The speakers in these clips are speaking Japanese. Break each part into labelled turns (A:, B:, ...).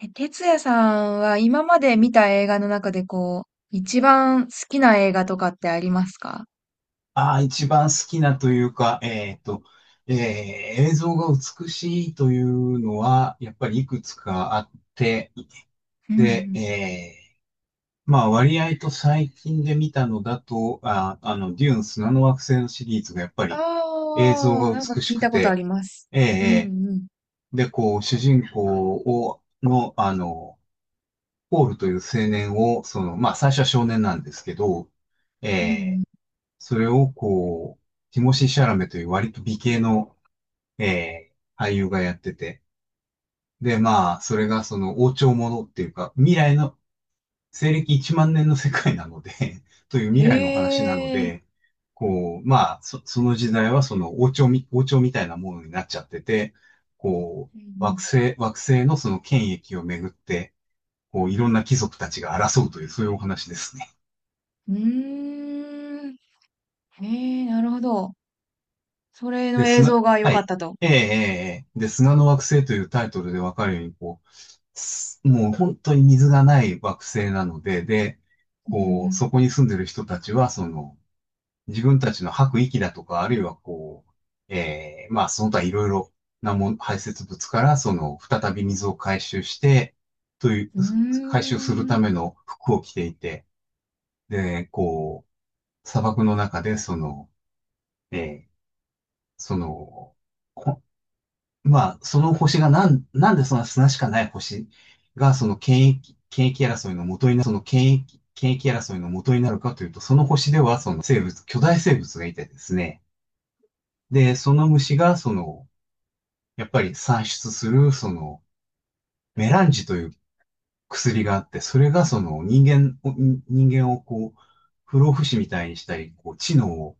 A: え、哲也さんは今まで見た映画の中でこう、一番好きな映画とかってありますか？
B: ああ、一番好きなというか、えー映像が美しいというのは、やっぱりいくつかあって、
A: うんう
B: で、
A: ん。
B: まあ割合と最近で見たのだと、デューン砂の惑星のシリーズがやっぱり映像
A: ああ、
B: が
A: なんか
B: 美し
A: 聞い
B: く
A: たことあ
B: て、
A: ります。
B: えー
A: うん
B: え
A: うん。
B: で、こう、主人公を、の、ポールという青年を、その、まあ最初は少年なんですけど、
A: う
B: えー
A: ん
B: それをこう、ティモシー・シャラメという割と美形の、俳優がやってて。で、まあ、それがその王朝ものっていうか、未来の、西暦1万年の世界なので という
A: うん。
B: 未来の話なの
A: へえ。
B: で、こう、まあ、その時代はその王朝みたいなものになっちゃってて、こ
A: う
B: う、
A: ん
B: 惑星のその権益をめぐって、こう、いろんな貴族たちが争うという、そういうお話ですね。
A: うん。うーん。へえ、なるほど。それ
B: で、
A: の映像が良
B: は
A: かっ
B: い。
A: たと。
B: ええ、ええ、ええ、で、砂の惑星というタイトルでわかるように、こう、もう本当に水がない惑星なので、で、
A: う
B: こう、
A: ん
B: そこに住んでる人たちは、その、自分たちの吐く息だとか、あるいはこう、ええ、まあ、その他いろいろなもん、排泄物から、その、再び水を回収して、という、
A: うん。
B: 回収する
A: うー
B: た
A: ん。
B: めの服を着ていて、で、こう、砂漠の中で、その、ええ、その、まあ、その星がなんでそんな砂しかない星が、その権益争いの元になる、その権益争いの元になるかというと、その星では、その生物、巨大生物がいてですね。で、その虫が、その、やっぱり産出する、その、メランジという薬があって、それが、その、人間をこう、不老不死みたいにしたり、こう、知能を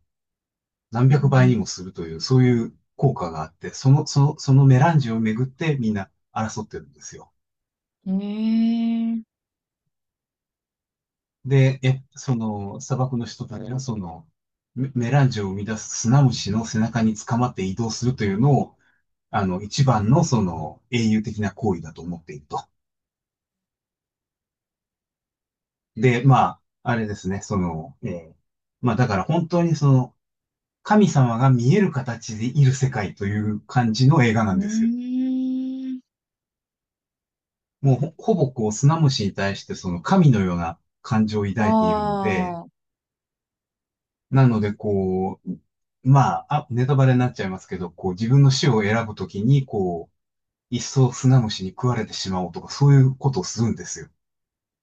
B: 何
A: う
B: 百倍に
A: ん
B: もするという、そういう効果があって、そのメランジをめぐってみんな争ってるんですよ。
A: うん。へえ。
B: で、その、砂漠の人たちは、その、メランジを生み出す砂虫の背中に捕まって移動するというのを、あの、一番の、その、英雄的な行為だと思っていると。で、まあ、あれですね、その、ーまあ、だから本当にその、神様が見える形でいる世界という感じの映画な
A: う
B: んですよ。
A: ーん。
B: もうほぼこう、砂虫に対して、その、神のような感情を抱いているので、
A: ああ。
B: なので、こう、まあ、ネタバレになっちゃいますけど、こう、自分の死を選ぶときに、こう、一層スナムシに食われてしまおうとか、そういうことをするんですよ。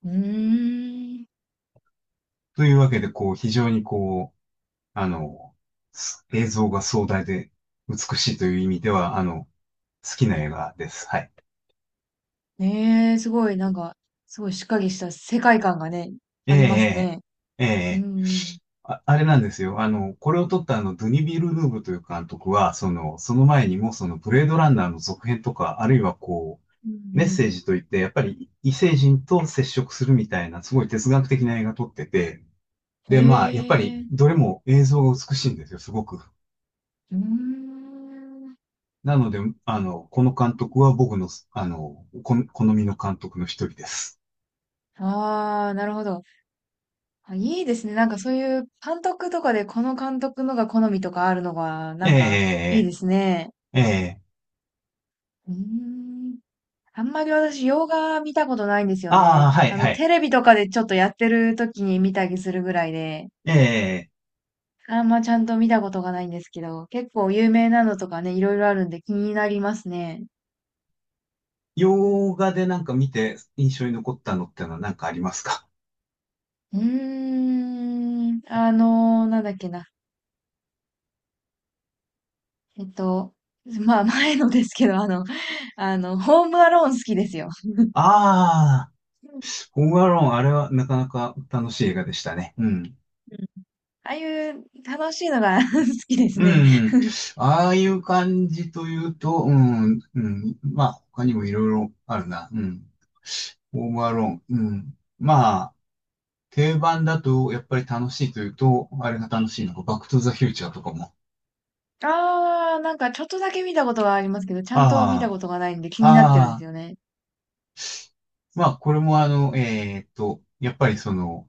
A: うーん。
B: というわけで、こう、非常にこう、あの、映像が壮大で美しいという意味では、好きな映画です。はい。
A: ねえ、すごい、なんか、すごいしっかりした世界観がね、
B: え
A: あります
B: え、
A: ね。
B: ええ、え
A: う
B: え、
A: ん、
B: あれなんですよ。これを撮ったドゥニ・ビルヌーブという監督は、その、その前にも、その、ブレードランナーの続編とか、あるいはこ
A: う
B: う、メッセー
A: ん、
B: ジといって、やっぱり異星人と接触するみたいな、すごい哲学的な映画撮ってて、
A: うん。
B: で、まあ、やっぱ
A: へえ、
B: り
A: う
B: どれも映像が美しいんですよ、すごく。
A: ーん。
B: なので、この監督は僕の、好みの監督の一人です。
A: ああ、なるほど。あ、いいですね。なんかそういう監督とかでこの監督のが好みとかあるのが、なんかいい
B: え
A: ですね。
B: ー、えー、
A: うーん。あんまり私、洋画見たことないんですよ
B: あ
A: ね。
B: あ、はい、
A: あの、
B: はい。
A: テレビとかでちょっとやってる時に見たりするぐらいで。
B: えー、
A: あんまちゃんと見たことがないんですけど、結構有名なのとかね、いろいろあるんで気になりますね。
B: 洋画でなんか見て印象に残ったのってのは何かありますか？
A: うーん、あのーなんだっけな。えっと、まあ前のですけど、あの、あの、ホームアローン好きですよ。
B: ああ
A: うん
B: ー、ホームアローン、あれはなかなか楽しい映画でしたね。うん。
A: うんああいう楽しいのが 好きです
B: う
A: ね。
B: ん。ああいう感じというと、うん、うん。まあ、他にもいろいろあるな。うん。オーバーローン。うん。まあ、定番だと、やっぱり楽しいというと、あれが楽しいのか、バックトゥザフューチャーとかも。
A: あー、なんかちょっとだけ見たことがありますけど、ちゃんと見た
B: あ
A: ことがないんで
B: あ、
A: 気になってるんです
B: ああ、
A: よね。
B: まあ、これもやっぱりその、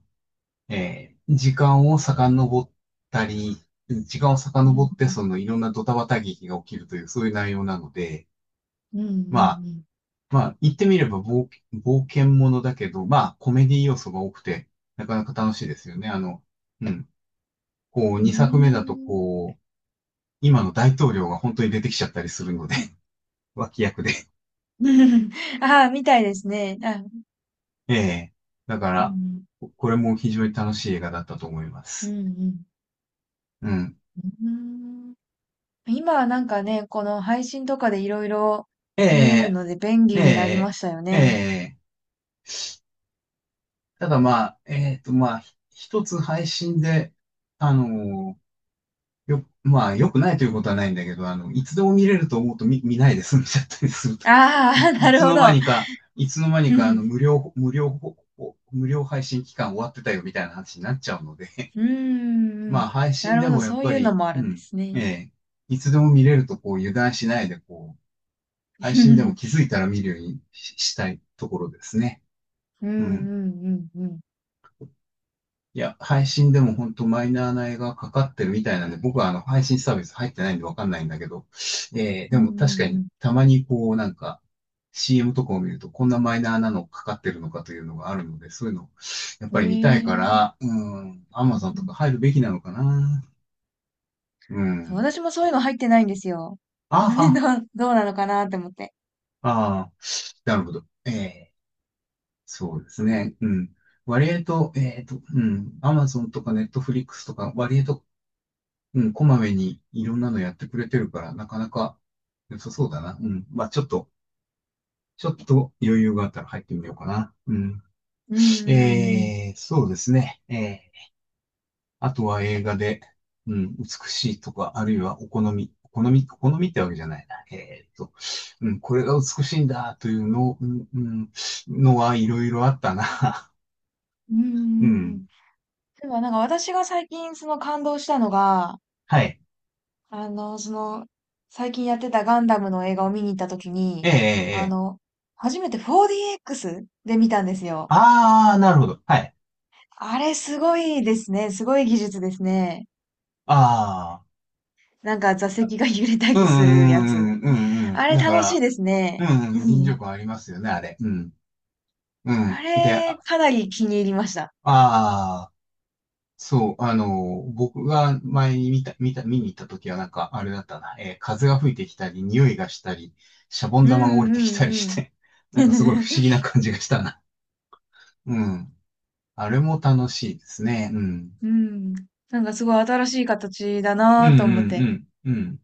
B: えー時間を遡ったり、時間を
A: う
B: 遡
A: ん
B: っ
A: う
B: て、
A: ん。
B: その、いろんなドタバタ劇が起きるという、そういう内容なので、
A: うんう
B: まあ、
A: ん
B: まあ、言ってみれば冒険ものだけど、まあ、コメディ要素が多くて、なかなか楽しいですよね。うん。こう、
A: う
B: 2作目だと、
A: ん。
B: こう、今の大統領が本当に出てきちゃったりするので、脇役で。
A: うーん。あー、みたいですね。あ、
B: ええ。だか
A: うんう
B: ら、
A: ん。
B: これも非常に楽しい映画だったと思いま
A: うん
B: す。
A: うん。
B: うん。
A: うーん。今はなんかね、この配信とかでいろいろ
B: え
A: 見れる
B: え、
A: ので便
B: え
A: 利になりま
B: え、
A: したよ
B: え
A: ね。
B: え。ただまあ、まあ、一つ配信で、あのよ、まあ、良くないということはないんだけど、いつでも見れると思うと見ないで済んじゃったりすると、
A: ああ、
B: い
A: な
B: つ
A: るほ
B: の間
A: ど。
B: にか、いつの間 に
A: う
B: か、あの、
A: ん
B: 無料、無料、無料配信期間終わってたよみたいな話になっちゃうので、
A: う んう
B: まあ、
A: ん。
B: 配
A: な
B: 信
A: る
B: で
A: ほど、
B: もやっ
A: そう
B: ぱ
A: いうの
B: り、
A: もあ
B: う
A: るんで
B: ん、
A: す
B: え
A: ね。
B: え、いつでも見れると、こう、油断しないで、こう、配信でも気づ いたら見るようにしたいところですね。
A: うん
B: うん。
A: うんうんうん。
B: いや、配信でも本当マイナーな映画がかかってるみたいなんで、僕はあの配信サービス入ってないんでわかんないんだけど、
A: う
B: でも確か
A: んう
B: に
A: ん
B: たまにこうなんか CM とかを見るとこんなマイナーなのかかってるのかというのがあるので、そういうのやっぱ
A: うん。
B: り
A: へ
B: 見たいか
A: え。うん、
B: ら、うん、Amazon とか入るべきなのかな。う
A: そう、
B: ん。
A: 私もそういうの入ってないんですよ。
B: あ、
A: どう、どうなのかなって思って。
B: あ、ああ、なるほど。ええ、そうですね。うん。割合と、うん、Amazon とか Netflix とか割合と、うん、こまめにいろんなのやってくれてるから、なかなか良さそうだな。うん。まあ、ちょっと余裕があったら入ってみようかな。うん。
A: うんうんうん。
B: そうですね。あとは映画で、うん、美しいとか、あるいはお好みってわけじゃないな。うん、これが美しいんだというの、うん、うん、のはいろいろあったな。
A: うんうん
B: う
A: う
B: ん。
A: ん。でもなんか私が最近その感動したのが、
B: はい。
A: あの、その、最近やってたガンダムの映画を見に行ったとき
B: えー
A: に、
B: えー
A: あ
B: えー
A: の、初めて 4DX で見たんですよ。
B: あー、なるほど。はい。
A: あれすごいですね。すごい技術ですね。
B: あー。
A: なんか座席が揺れた
B: う
A: りするやつ。
B: んうんうんうんうん。
A: あれ
B: だか
A: 楽しい
B: ら、
A: です
B: う
A: ね。
B: ん
A: う
B: うん、臨場
A: ん、
B: 感ありますよね、あれ。うん。う
A: あ
B: ん。で、
A: れ、
B: あ
A: かなり気に入りました。
B: あー、そう、僕が前に見に行った時はなんか、あれだったな、風が吹いてきたり、匂いがしたり、シャボン
A: うん
B: 玉が降りてきたり
A: う
B: し
A: ん
B: て、な
A: う
B: んかすごい
A: ん。
B: 不思議な 感じがしたな。うん。あれも楽しいですね。うん。
A: うん。なんかすごい新しい形だ
B: う
A: な
B: ん
A: ぁと
B: う
A: 思って。
B: んうん。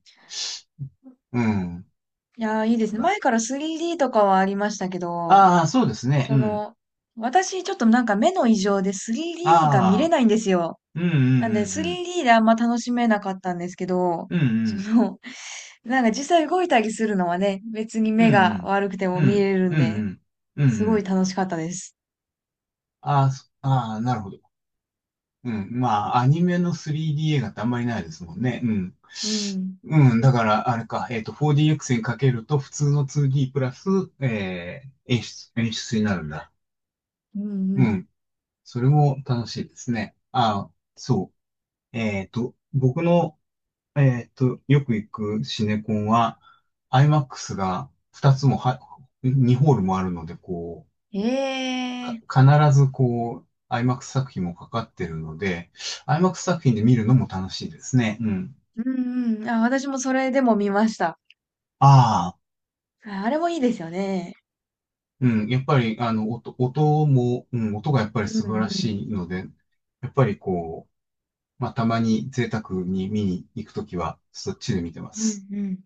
B: うん。うん。
A: いやー、いい
B: そ
A: です
B: う
A: ね。
B: だ。
A: 前から 3D とかはありましたけど、
B: ああ、そうですね。う
A: そ
B: ん。
A: の、私ちょっとなんか目の異常で 3D が見れ
B: ああ、
A: ないんですよ。
B: うんう
A: なん
B: ん
A: で
B: うん
A: 3D であんま楽しめなかったんですけど、
B: うん。うんう
A: そ
B: ん。
A: の、なんか実際動いたりするのはね、別に
B: う
A: 目が
B: ん
A: 悪くて
B: うん。
A: も
B: う
A: 見
B: ん。
A: れる
B: う
A: ん
B: んう
A: で、
B: ん。うん
A: す
B: う
A: ごい
B: ん
A: 楽しかったです。
B: ああ、ああ、なるほど。うん。まあ、アニメの 3D 映画ってあんまりないですもんね。うん。
A: うん。
B: うん。だから、あれか、4DX にかけると普通の 2D プラス、え演出になるんだ。
A: うんう
B: う
A: ん。
B: ん。それも楽しいですね。ああ、そう。僕の、よく行くシネコンは、IMAX が2つもは、2ホールもあるので、か、
A: ええ
B: 必ずこう、IMAX 作品もかかってるので、IMAX 作品で見るのも楽しいですね。うん。
A: うんうん。あ、私もそれでも見ました。
B: ああ、
A: ああれもいいですよね。
B: うん。やっぱり、音も、うん、音がやっぱり
A: う
B: 素晴ら
A: ん
B: しいので、やっぱりこう、まあ、たまに贅沢に見に行くときは、そっちで見てま
A: うん。うん
B: す。
A: うん。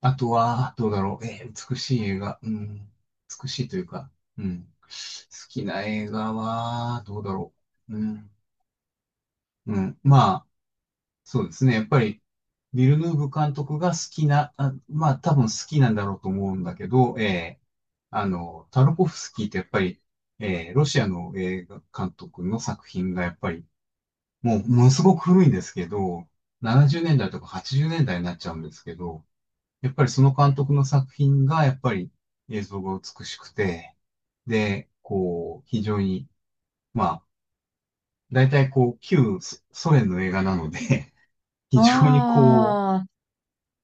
B: あとは、どうだろう。美しい映画。うん。美しいというか、うん。好きな映画は、どうだろう。うん。うん。まあ、そうですね。やっぱり、ビルヌーブ監督が好きな、まあ多分好きなんだろうと思うんだけど、タルコフスキーってやっぱり、ロシアの映画監督の作品がやっぱり、もうものすごく古いんですけど、70年代とか80年代になっちゃうんですけど、やっぱりその監督の作品がやっぱり映像が美しくて、で、こう、非常に、まあ、大体こう、旧ソ連の映画なので、非
A: あ
B: 常に
A: あ。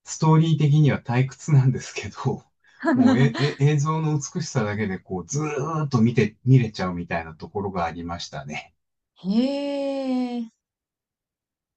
B: ストーリー的には退屈なんですけど、もう映像の美しさだけでこう、ずーっと見れちゃうみたいなところがありましたね。
A: へえ。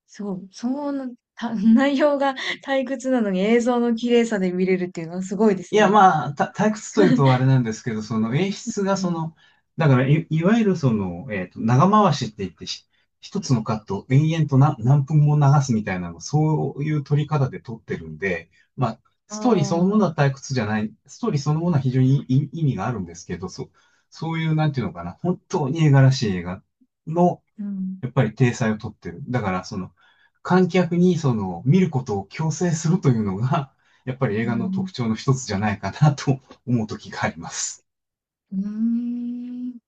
A: 内容が 退屈なのに映像の綺麗さで見れるっていうのはすごいで
B: い
A: す
B: や、
A: ね。
B: まあ、退屈というとあれなんですけど、その演出が
A: う
B: そ
A: ん。
B: の、だからいわゆるその、長回しって言って一つのカットを延々と何分も流すみたいなの、そういう撮り方で撮ってるんで、まあ、
A: あ
B: ストーリーそのも
A: あ、
B: のは退屈じゃない、ストーリーそのものは非常に意味があるんですけど、そう、そういう、なんていうのかな、本当に絵柄らしい映画の、
A: うん、
B: やっぱり体裁をとってる。だから、その、観客にその、見ることを強制するというのが、やっぱり映
A: う
B: 画の特
A: ん、
B: 徴の一つじゃないかなと思う時があります。
A: うん。うーん。